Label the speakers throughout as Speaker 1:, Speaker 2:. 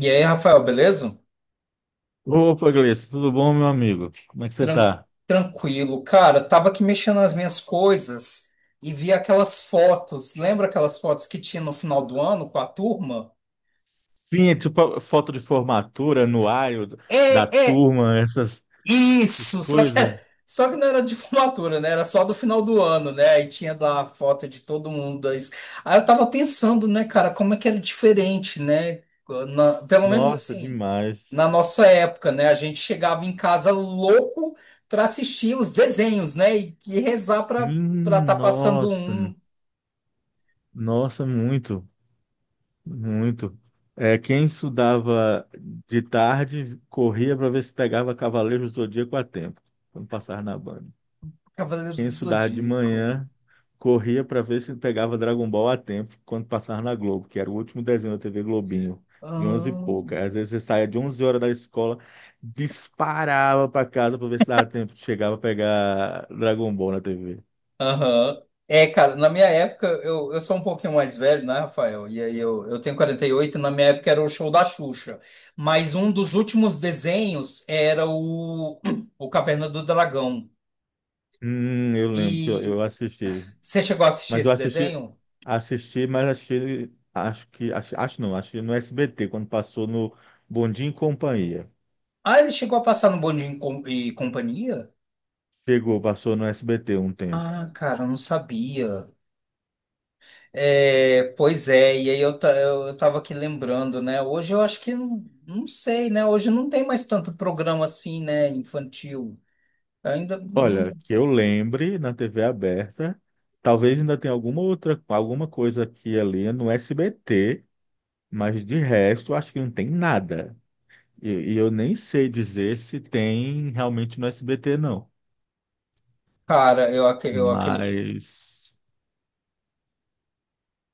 Speaker 1: E aí, Rafael, beleza?
Speaker 2: Opa, Gleice, tudo bom, meu amigo? Como é que você
Speaker 1: Tran-
Speaker 2: tá?
Speaker 1: Tranquilo. Cara, tava aqui mexendo nas minhas coisas e vi aquelas fotos. Lembra aquelas fotos que tinha no final do ano com a turma?
Speaker 2: Sim, é tipo foto de formatura, anuário da
Speaker 1: É.
Speaker 2: turma, essas
Speaker 1: Isso, só que,
Speaker 2: coisas.
Speaker 1: só que não era de formatura, né? Era só do final do ano, né? Aí tinha lá a foto de todo mundo. Aí eu tava pensando, né, cara, como é que era diferente, né? Pelo menos
Speaker 2: Nossa,
Speaker 1: assim,
Speaker 2: demais.
Speaker 1: na nossa época, né? A gente chegava em casa louco para assistir os desenhos, né? E rezar para
Speaker 2: Sim,
Speaker 1: tá passando
Speaker 2: nossa,
Speaker 1: um
Speaker 2: nossa, muito, muito. É, quem estudava de tarde corria para ver se pegava Cavaleiros do Zodíaco a tempo, quando passava na banca.
Speaker 1: Cavaleiros
Speaker 2: Quem
Speaker 1: do
Speaker 2: estudava de
Speaker 1: Zodíaco.
Speaker 2: manhã corria para ver se pegava Dragon Ball a tempo quando passava na Globo, que era o último desenho da TV Globinho, de 11 e
Speaker 1: Ah.
Speaker 2: pouca. Às vezes você saía de 11 horas da escola, disparava para casa para ver se dava tempo de chegar para pegar Dragon Ball na TV.
Speaker 1: Aham. É, cara, na minha época, eu sou um pouquinho mais velho, né, Rafael? E aí eu tenho 48, na minha época era o show da Xuxa. Mas um dos últimos desenhos era o, o Caverna do Dragão.
Speaker 2: Eu lembro que eu
Speaker 1: E
Speaker 2: assisti.
Speaker 1: você chegou a assistir
Speaker 2: Mas eu
Speaker 1: esse
Speaker 2: assisti,
Speaker 1: desenho?
Speaker 2: assisti, mas achei, acho que, acho, acho não, acho que no SBT, quando passou no Bom Dia e Companhia.
Speaker 1: Ah, ele chegou a passar no Bom Dia e Companhia?
Speaker 2: Chegou, passou no SBT um tempo.
Speaker 1: Ah, cara, eu não sabia. É, pois é, e aí eu, eu tava aqui lembrando, né? Hoje eu acho que, não não sei, né? Hoje não tem mais tanto programa assim, né, infantil. Ainda.
Speaker 2: Olha, que eu lembre na TV aberta, talvez ainda tenha alguma outra, alguma coisa aqui e ali no SBT, mas de resto acho que não tem nada. E, e eu nem sei dizer se tem realmente no SBT, não.
Speaker 1: Cara, eu, aque- eu aquele.
Speaker 2: Mas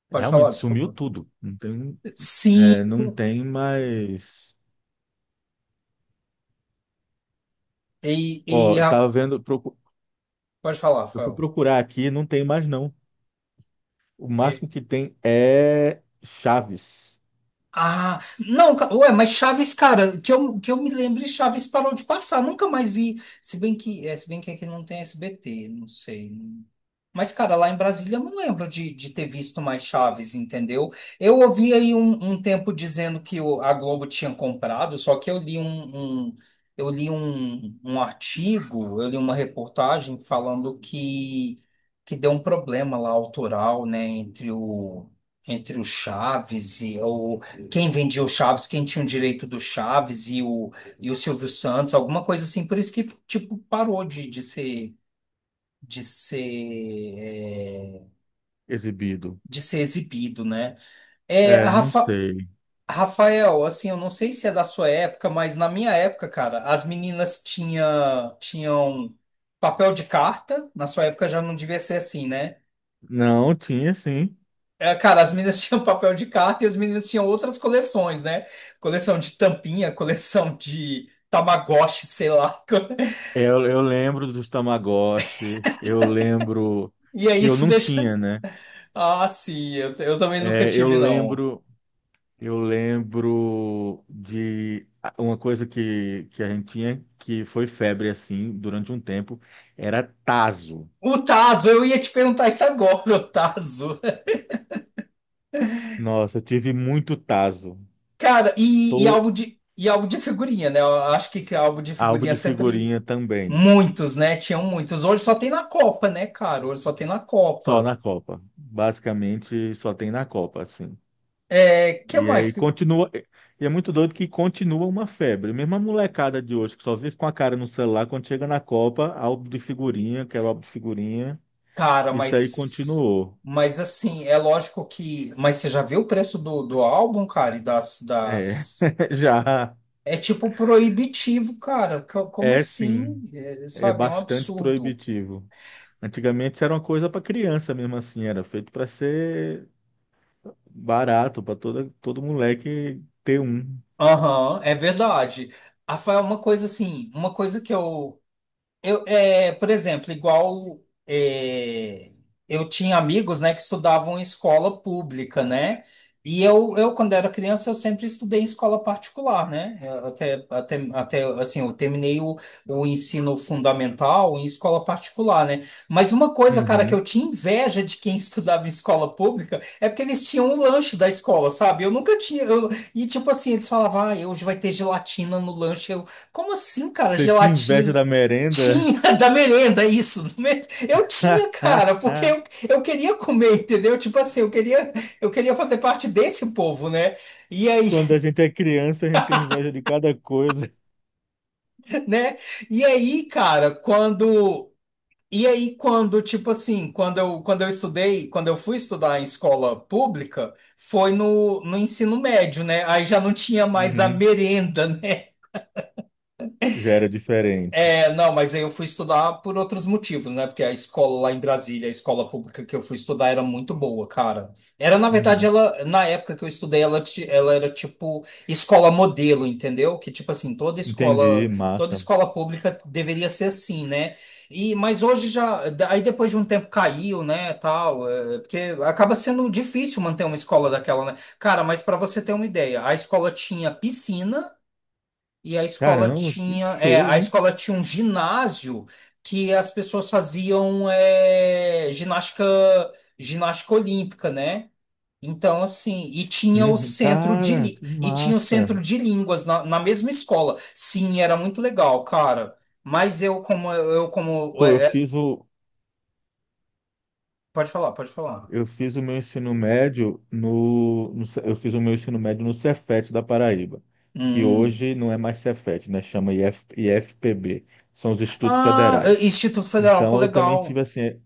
Speaker 1: Pode falar,
Speaker 2: realmente sumiu
Speaker 1: desculpa.
Speaker 2: tudo. Não tem,
Speaker 1: Sim,
Speaker 2: é, não tem mais.
Speaker 1: e, e
Speaker 2: Ó,
Speaker 1: a-
Speaker 2: tava vendo,
Speaker 1: pode falar,
Speaker 2: eu fui
Speaker 1: Rafael.
Speaker 2: procurar aqui, não tem mais não. O máximo que tem é Chaves
Speaker 1: Ah, não, ué, mas Chaves, cara, que eu me lembre, Chaves parou de passar, nunca mais vi. Se bem que, é, se bem que aqui não tem SBT, não sei. Mas, cara, lá em Brasília eu não lembro de ter visto mais Chaves, entendeu? Eu ouvi aí um tempo dizendo que a Globo tinha comprado, só que eu li um, eu li um, um artigo, eu li uma reportagem falando que deu um problema lá autoral, né, entre o, entre o Chaves e o quem vendia o Chaves, quem tinha o direito do Chaves e o Silvio Santos, alguma coisa assim. Por isso que, tipo, parou de ser, é,
Speaker 2: exibido.
Speaker 1: de ser exibido, né? É,
Speaker 2: É, não sei.
Speaker 1: Rafael, assim, eu não sei se é da sua época, mas na minha época, cara, as meninas tinham papel de carta. Na sua época já não devia ser assim, né?
Speaker 2: Não, tinha sim.
Speaker 1: É, cara, as meninas tinham papel de carta e as meninas tinham outras coleções, né? Coleção de tampinha, coleção de Tamagotchi, sei lá.
Speaker 2: É, eu lembro dos Tamagotchi, eu lembro
Speaker 1: E aí
Speaker 2: que eu
Speaker 1: isso
Speaker 2: não
Speaker 1: deixa.
Speaker 2: tinha, né?
Speaker 1: Ah, sim, eu também nunca
Speaker 2: É, eu
Speaker 1: tive, não.
Speaker 2: lembro, eu lembro de uma coisa que a gente tinha que foi febre assim durante um tempo, era taso.
Speaker 1: O Tazo, eu ia te perguntar isso agora, o Tazo.
Speaker 2: Nossa, eu tive muito taso.
Speaker 1: Cara, e, e
Speaker 2: Tô
Speaker 1: álbum de, e álbum de figurinha, né? Eu acho que álbum de
Speaker 2: álbum
Speaker 1: figurinha
Speaker 2: de
Speaker 1: sempre.
Speaker 2: figurinha também,
Speaker 1: Muitos, né? Tinham muitos. Hoje só tem na Copa, né, cara? Hoje só tem na
Speaker 2: só
Speaker 1: Copa.
Speaker 2: na Copa. Basicamente só tem na Copa, assim.
Speaker 1: É, que
Speaker 2: E
Speaker 1: mais.
Speaker 2: aí continua. E é muito doido que continua uma febre. Mesmo a molecada de hoje, que só vive com a cara no celular, quando chega na Copa, álbum de figurinha, quero álbum de figurinha.
Speaker 1: Cara,
Speaker 2: Isso aí
Speaker 1: mas.
Speaker 2: continuou.
Speaker 1: Mas assim, é lógico que. Mas você já viu o preço do, do álbum, cara? E das,
Speaker 2: É,
Speaker 1: das.
Speaker 2: já
Speaker 1: É tipo proibitivo, cara. Como
Speaker 2: é sim,
Speaker 1: assim? É,
Speaker 2: é
Speaker 1: sabe, é um
Speaker 2: bastante
Speaker 1: absurdo.
Speaker 2: proibitivo. Antigamente isso era uma coisa para criança mesmo assim, era feito para ser barato, para toda todo moleque ter um.
Speaker 1: Aham, é verdade. Rafael, uma coisa assim, uma coisa que eu. Eu, é, por exemplo, é, eu tinha amigos, né, que estudavam em escola pública, né? E eu, quando era criança, eu sempre estudei em escola particular, né? Até assim, eu terminei o ensino fundamental em escola particular, né? Mas uma coisa, cara, que
Speaker 2: Uhum.
Speaker 1: eu tinha inveja de quem estudava em escola pública é porque eles tinham o lanche da escola, sabe? Eu nunca tinha. E tipo assim, eles falavam, ah, hoje vai ter gelatina no lanche. Eu, como assim, cara,
Speaker 2: Você tinha inveja
Speaker 1: gelatina?
Speaker 2: da merenda?
Speaker 1: Tinha da merenda, isso. Eu tinha, cara, porque eu queria comer, entendeu? Tipo assim, eu queria fazer parte desse povo, né? E aí,
Speaker 2: Quando a gente é criança, a gente tem inveja de cada coisa.
Speaker 1: né? E aí, cara, quando. E aí, quando, tipo assim, quando eu estudei, quando eu fui estudar em escola pública, foi no, no ensino médio, né? Aí já não tinha mais a
Speaker 2: Uhum.
Speaker 1: merenda, né?
Speaker 2: Já era diferente.
Speaker 1: É, não, mas aí eu fui estudar por outros motivos, né? Porque a escola lá em Brasília, a escola pública que eu fui estudar era muito boa, cara. Era, na verdade,
Speaker 2: Uhum.
Speaker 1: ela, na época que eu estudei, ela, ela era tipo escola modelo, entendeu? Que tipo assim,
Speaker 2: Entendi,
Speaker 1: toda
Speaker 2: massa.
Speaker 1: escola pública deveria ser assim, né? E, mas hoje já, aí depois de um tempo caiu, né, tal, é, porque acaba sendo difícil manter uma escola daquela, né? Cara, mas para você ter uma ideia, a escola tinha piscina, e a escola
Speaker 2: Caramba, que
Speaker 1: tinha, é, a
Speaker 2: show, hein?
Speaker 1: escola tinha um ginásio que as pessoas faziam é, ginástica, ginástica olímpica, né? Então, assim, e tinha o
Speaker 2: Uhum.
Speaker 1: centro de,
Speaker 2: Cara,
Speaker 1: lí-
Speaker 2: que
Speaker 1: e tinha o
Speaker 2: massa.
Speaker 1: centro de línguas na, na mesma escola. Sim, era muito legal, cara. Mas eu como
Speaker 2: Pô,
Speaker 1: é, é, pode falar, pode falar.
Speaker 2: eu fiz o meu ensino médio no, no Ce- eu fiz o meu ensino médio no Cefet da Paraíba, que
Speaker 1: Hum.
Speaker 2: hoje não é mais Cefet, né? Chama IF, IFPB, são os Institutos
Speaker 1: Ah, é,
Speaker 2: Federais.
Speaker 1: Instituto Federal, pô,
Speaker 2: Então eu também tive
Speaker 1: legal.
Speaker 2: assim,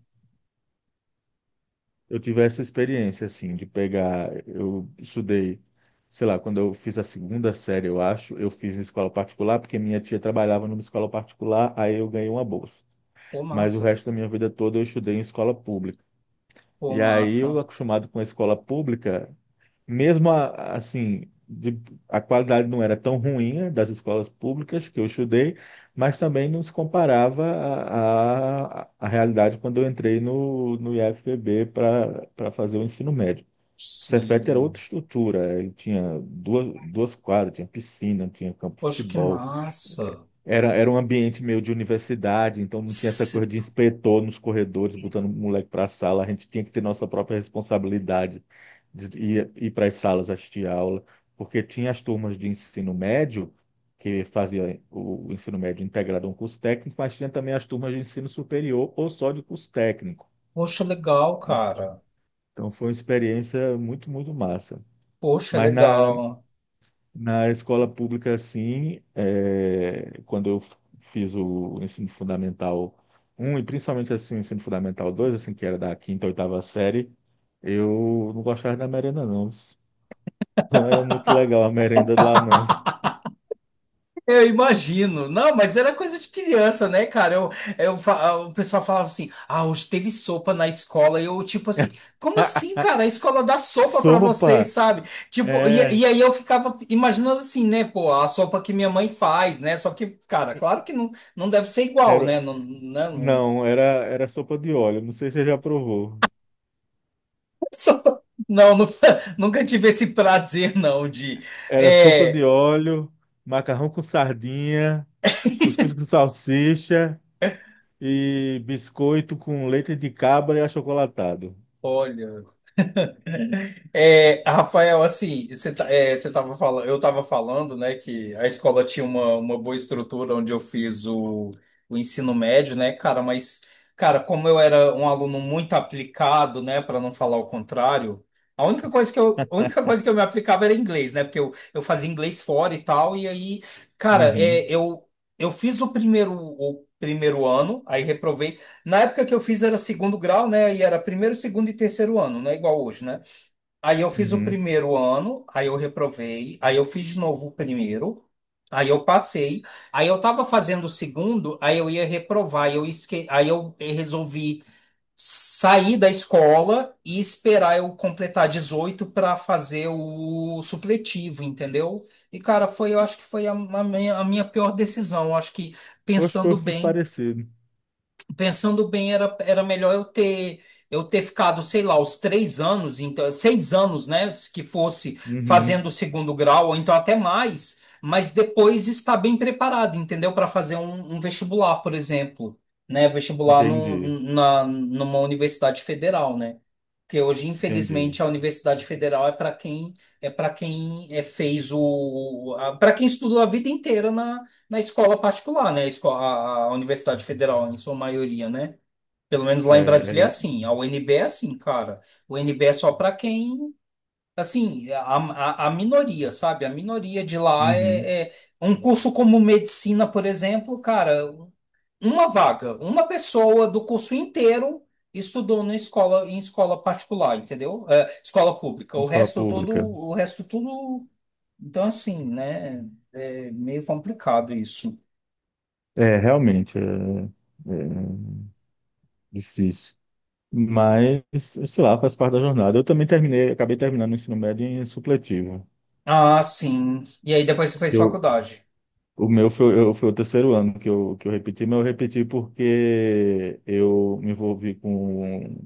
Speaker 2: eu tive essa experiência, assim, de pegar. Eu estudei, sei lá, quando eu fiz a segunda série, eu acho, eu fiz em escola particular, porque minha tia trabalhava numa escola particular, aí eu ganhei uma bolsa.
Speaker 1: Pô,
Speaker 2: Mas o
Speaker 1: massa.
Speaker 2: resto da minha vida toda eu estudei em escola pública.
Speaker 1: Pô,
Speaker 2: E aí eu
Speaker 1: massa.
Speaker 2: acostumado com a escola pública, mesmo assim, a qualidade não era tão ruim, né, das escolas públicas que eu estudei, mas também não se comparava à realidade quando eu entrei no IFPB para fazer o ensino médio. O Cefet era
Speaker 1: Sim.
Speaker 2: outra estrutura, ele tinha duas quadras, tinha piscina, tinha campo de
Speaker 1: Poxa, que
Speaker 2: futebol,
Speaker 1: massa.
Speaker 2: era um ambiente meio de universidade, então não tinha essa coisa de inspetor nos corredores, botando o moleque para a sala. A gente tinha que ter nossa própria responsabilidade de ir para as salas assistir a aula, porque tinha as turmas de ensino médio, que fazia o ensino médio integrado a um curso técnico, mas tinha também as turmas de ensino superior ou só de curso técnico.
Speaker 1: Poxa, legal, cara.
Speaker 2: Então foi uma experiência muito, muito massa.
Speaker 1: Poxa,
Speaker 2: Mas na,
Speaker 1: legal.
Speaker 2: na escola pública, sim, é, quando eu fiz o ensino fundamental um e principalmente assim, o ensino fundamental 2 assim, que era da quinta, oitava série, eu não gostava da merenda, não. Não era muito legal a merenda lá, não.
Speaker 1: Eu imagino. Não, mas era coisa de criança, né, cara? Eu, ah, o pessoal falava assim: ah, hoje teve sopa na escola. E eu, tipo assim, como assim, cara? A escola dá sopa pra vocês,
Speaker 2: Sopa!
Speaker 1: sabe? Tipo,
Speaker 2: É.
Speaker 1: e aí eu ficava imaginando assim, né, pô, a sopa que minha mãe faz, né? Só que, cara, claro que não, não deve ser igual, né?
Speaker 2: Era,
Speaker 1: Não, né? Não,
Speaker 2: não, era sopa de óleo. Não sei se você já provou.
Speaker 1: sopa- não, nunca, nunca tive esse prazer, não, de.
Speaker 2: Era sopa de
Speaker 1: É,
Speaker 2: óleo, macarrão com sardinha, cuscuz com salsicha, e biscoito com leite de cabra e achocolatado.
Speaker 1: olha. É, Rafael, assim, você tava falando, eu estava falando, né, que a escola tinha uma boa estrutura onde eu fiz o ensino médio, né, cara, mas, cara, como eu era um aluno muito aplicado, né, para não falar o contrário, a única coisa que eu, a única coisa que eu me aplicava era inglês, né, porque eu fazia inglês fora e tal, e aí, cara,
Speaker 2: Uhum,
Speaker 1: é, eu fiz o primeiro ano, aí reprovei. Na época que eu fiz era segundo grau, né, e era primeiro, segundo e terceiro ano, não é igual hoje, né? Aí eu fiz o
Speaker 2: uhum.
Speaker 1: primeiro ano, aí eu reprovei, aí eu fiz de novo o primeiro, aí eu passei, aí eu estava fazendo o segundo, aí eu ia reprovar, aí eu resolvi sair da escola e esperar eu completar 18 para fazer o supletivo, entendeu? E cara, foi, eu acho que foi a minha pior decisão, eu acho que
Speaker 2: Oxe, pô, eu
Speaker 1: pensando
Speaker 2: fiz
Speaker 1: bem.
Speaker 2: parecido.
Speaker 1: Pensando bem, era, era melhor eu ter ficado, sei lá, os três anos, então, seis anos, né? Que fosse
Speaker 2: Uhum,
Speaker 1: fazendo o segundo grau, ou então até mais, mas depois estar bem preparado, entendeu? Para fazer um, um vestibular, por exemplo, né? Vestibular no,
Speaker 2: entendi,
Speaker 1: na, numa universidade federal, né? Porque hoje,
Speaker 2: entendi.
Speaker 1: infelizmente, a Universidade Federal é para quem é para quem é, fez o para quem estudou a vida inteira na na escola particular, né? A Universidade Federal, em sua maioria, né? Pelo menos
Speaker 2: É,
Speaker 1: lá em Brasília é
Speaker 2: é,
Speaker 1: assim. A UNB é assim, cara. O UNB é só para quem. Assim, a minoria, sabe? A minoria de lá
Speaker 2: uhum,
Speaker 1: é, é. Um curso como medicina, por exemplo, cara, uma vaga, uma pessoa do curso inteiro estudou na escola, em escola particular, entendeu? É, escola pública. O
Speaker 2: escola
Speaker 1: resto todo,
Speaker 2: pública.
Speaker 1: o resto tudo. Então, assim, né? É meio complicado isso.
Speaker 2: É, realmente, é difícil. Mas, sei lá, faz parte da jornada. Eu também terminei, acabei terminando o ensino médio em supletivo.
Speaker 1: Ah, sim. E aí depois você fez
Speaker 2: que Eu,
Speaker 1: faculdade.
Speaker 2: o meu foi, eu, foi o terceiro ano que eu repeti, mas eu repeti porque eu me envolvi com.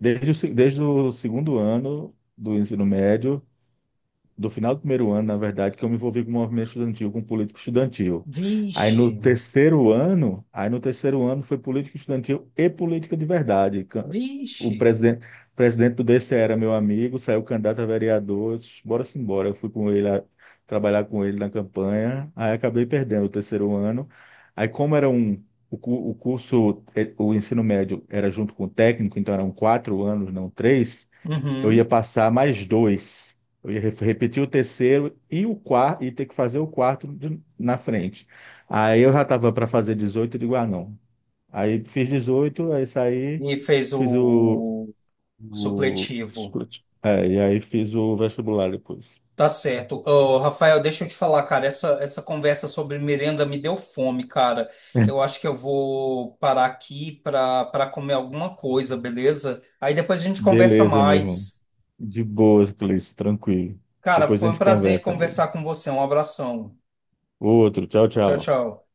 Speaker 2: Desde o, se- desde o segundo ano do ensino médio, do final do primeiro ano, na verdade, que eu me envolvi com o movimento estudantil, com político estudantil. Aí
Speaker 1: Vixe,
Speaker 2: no terceiro ano, aí no terceiro ano foi política estudantil e política de verdade. O
Speaker 1: vixe.
Speaker 2: presidente, presidente do DCE era meu amigo, saiu candidato a vereador, eu disse, bora sim, bora. Eu fui com ele a, trabalhar com ele na campanha, aí acabei perdendo o terceiro ano. Aí como era um o curso, o ensino médio era junto com o técnico, então eram 4 anos, não três, eu ia
Speaker 1: Uhum.
Speaker 2: passar mais dois. Eu ia repetir o terceiro e o quarto, e ter que fazer o quarto na frente. Aí eu já estava para fazer 18. Eu digo, ah, não. Aí fiz 18, aí saí,
Speaker 1: E fez
Speaker 2: fiz o,
Speaker 1: o
Speaker 2: o...
Speaker 1: supletivo.
Speaker 2: É, e aí fiz o vestibular depois.
Speaker 1: Tá certo. Ô, Rafael, deixa eu te falar, cara, essa conversa sobre merenda me deu fome, cara. Eu acho que eu vou parar aqui para para comer alguma coisa, beleza? Aí depois a gente conversa
Speaker 2: Beleza, meu irmão.
Speaker 1: mais.
Speaker 2: De boas, Cleice, tranquilo.
Speaker 1: Cara,
Speaker 2: Depois a
Speaker 1: foi um
Speaker 2: gente
Speaker 1: prazer
Speaker 2: conversa, amigo.
Speaker 1: conversar com você. Um abração.
Speaker 2: Outro, tchau,
Speaker 1: Tchau,
Speaker 2: tchau.
Speaker 1: tchau.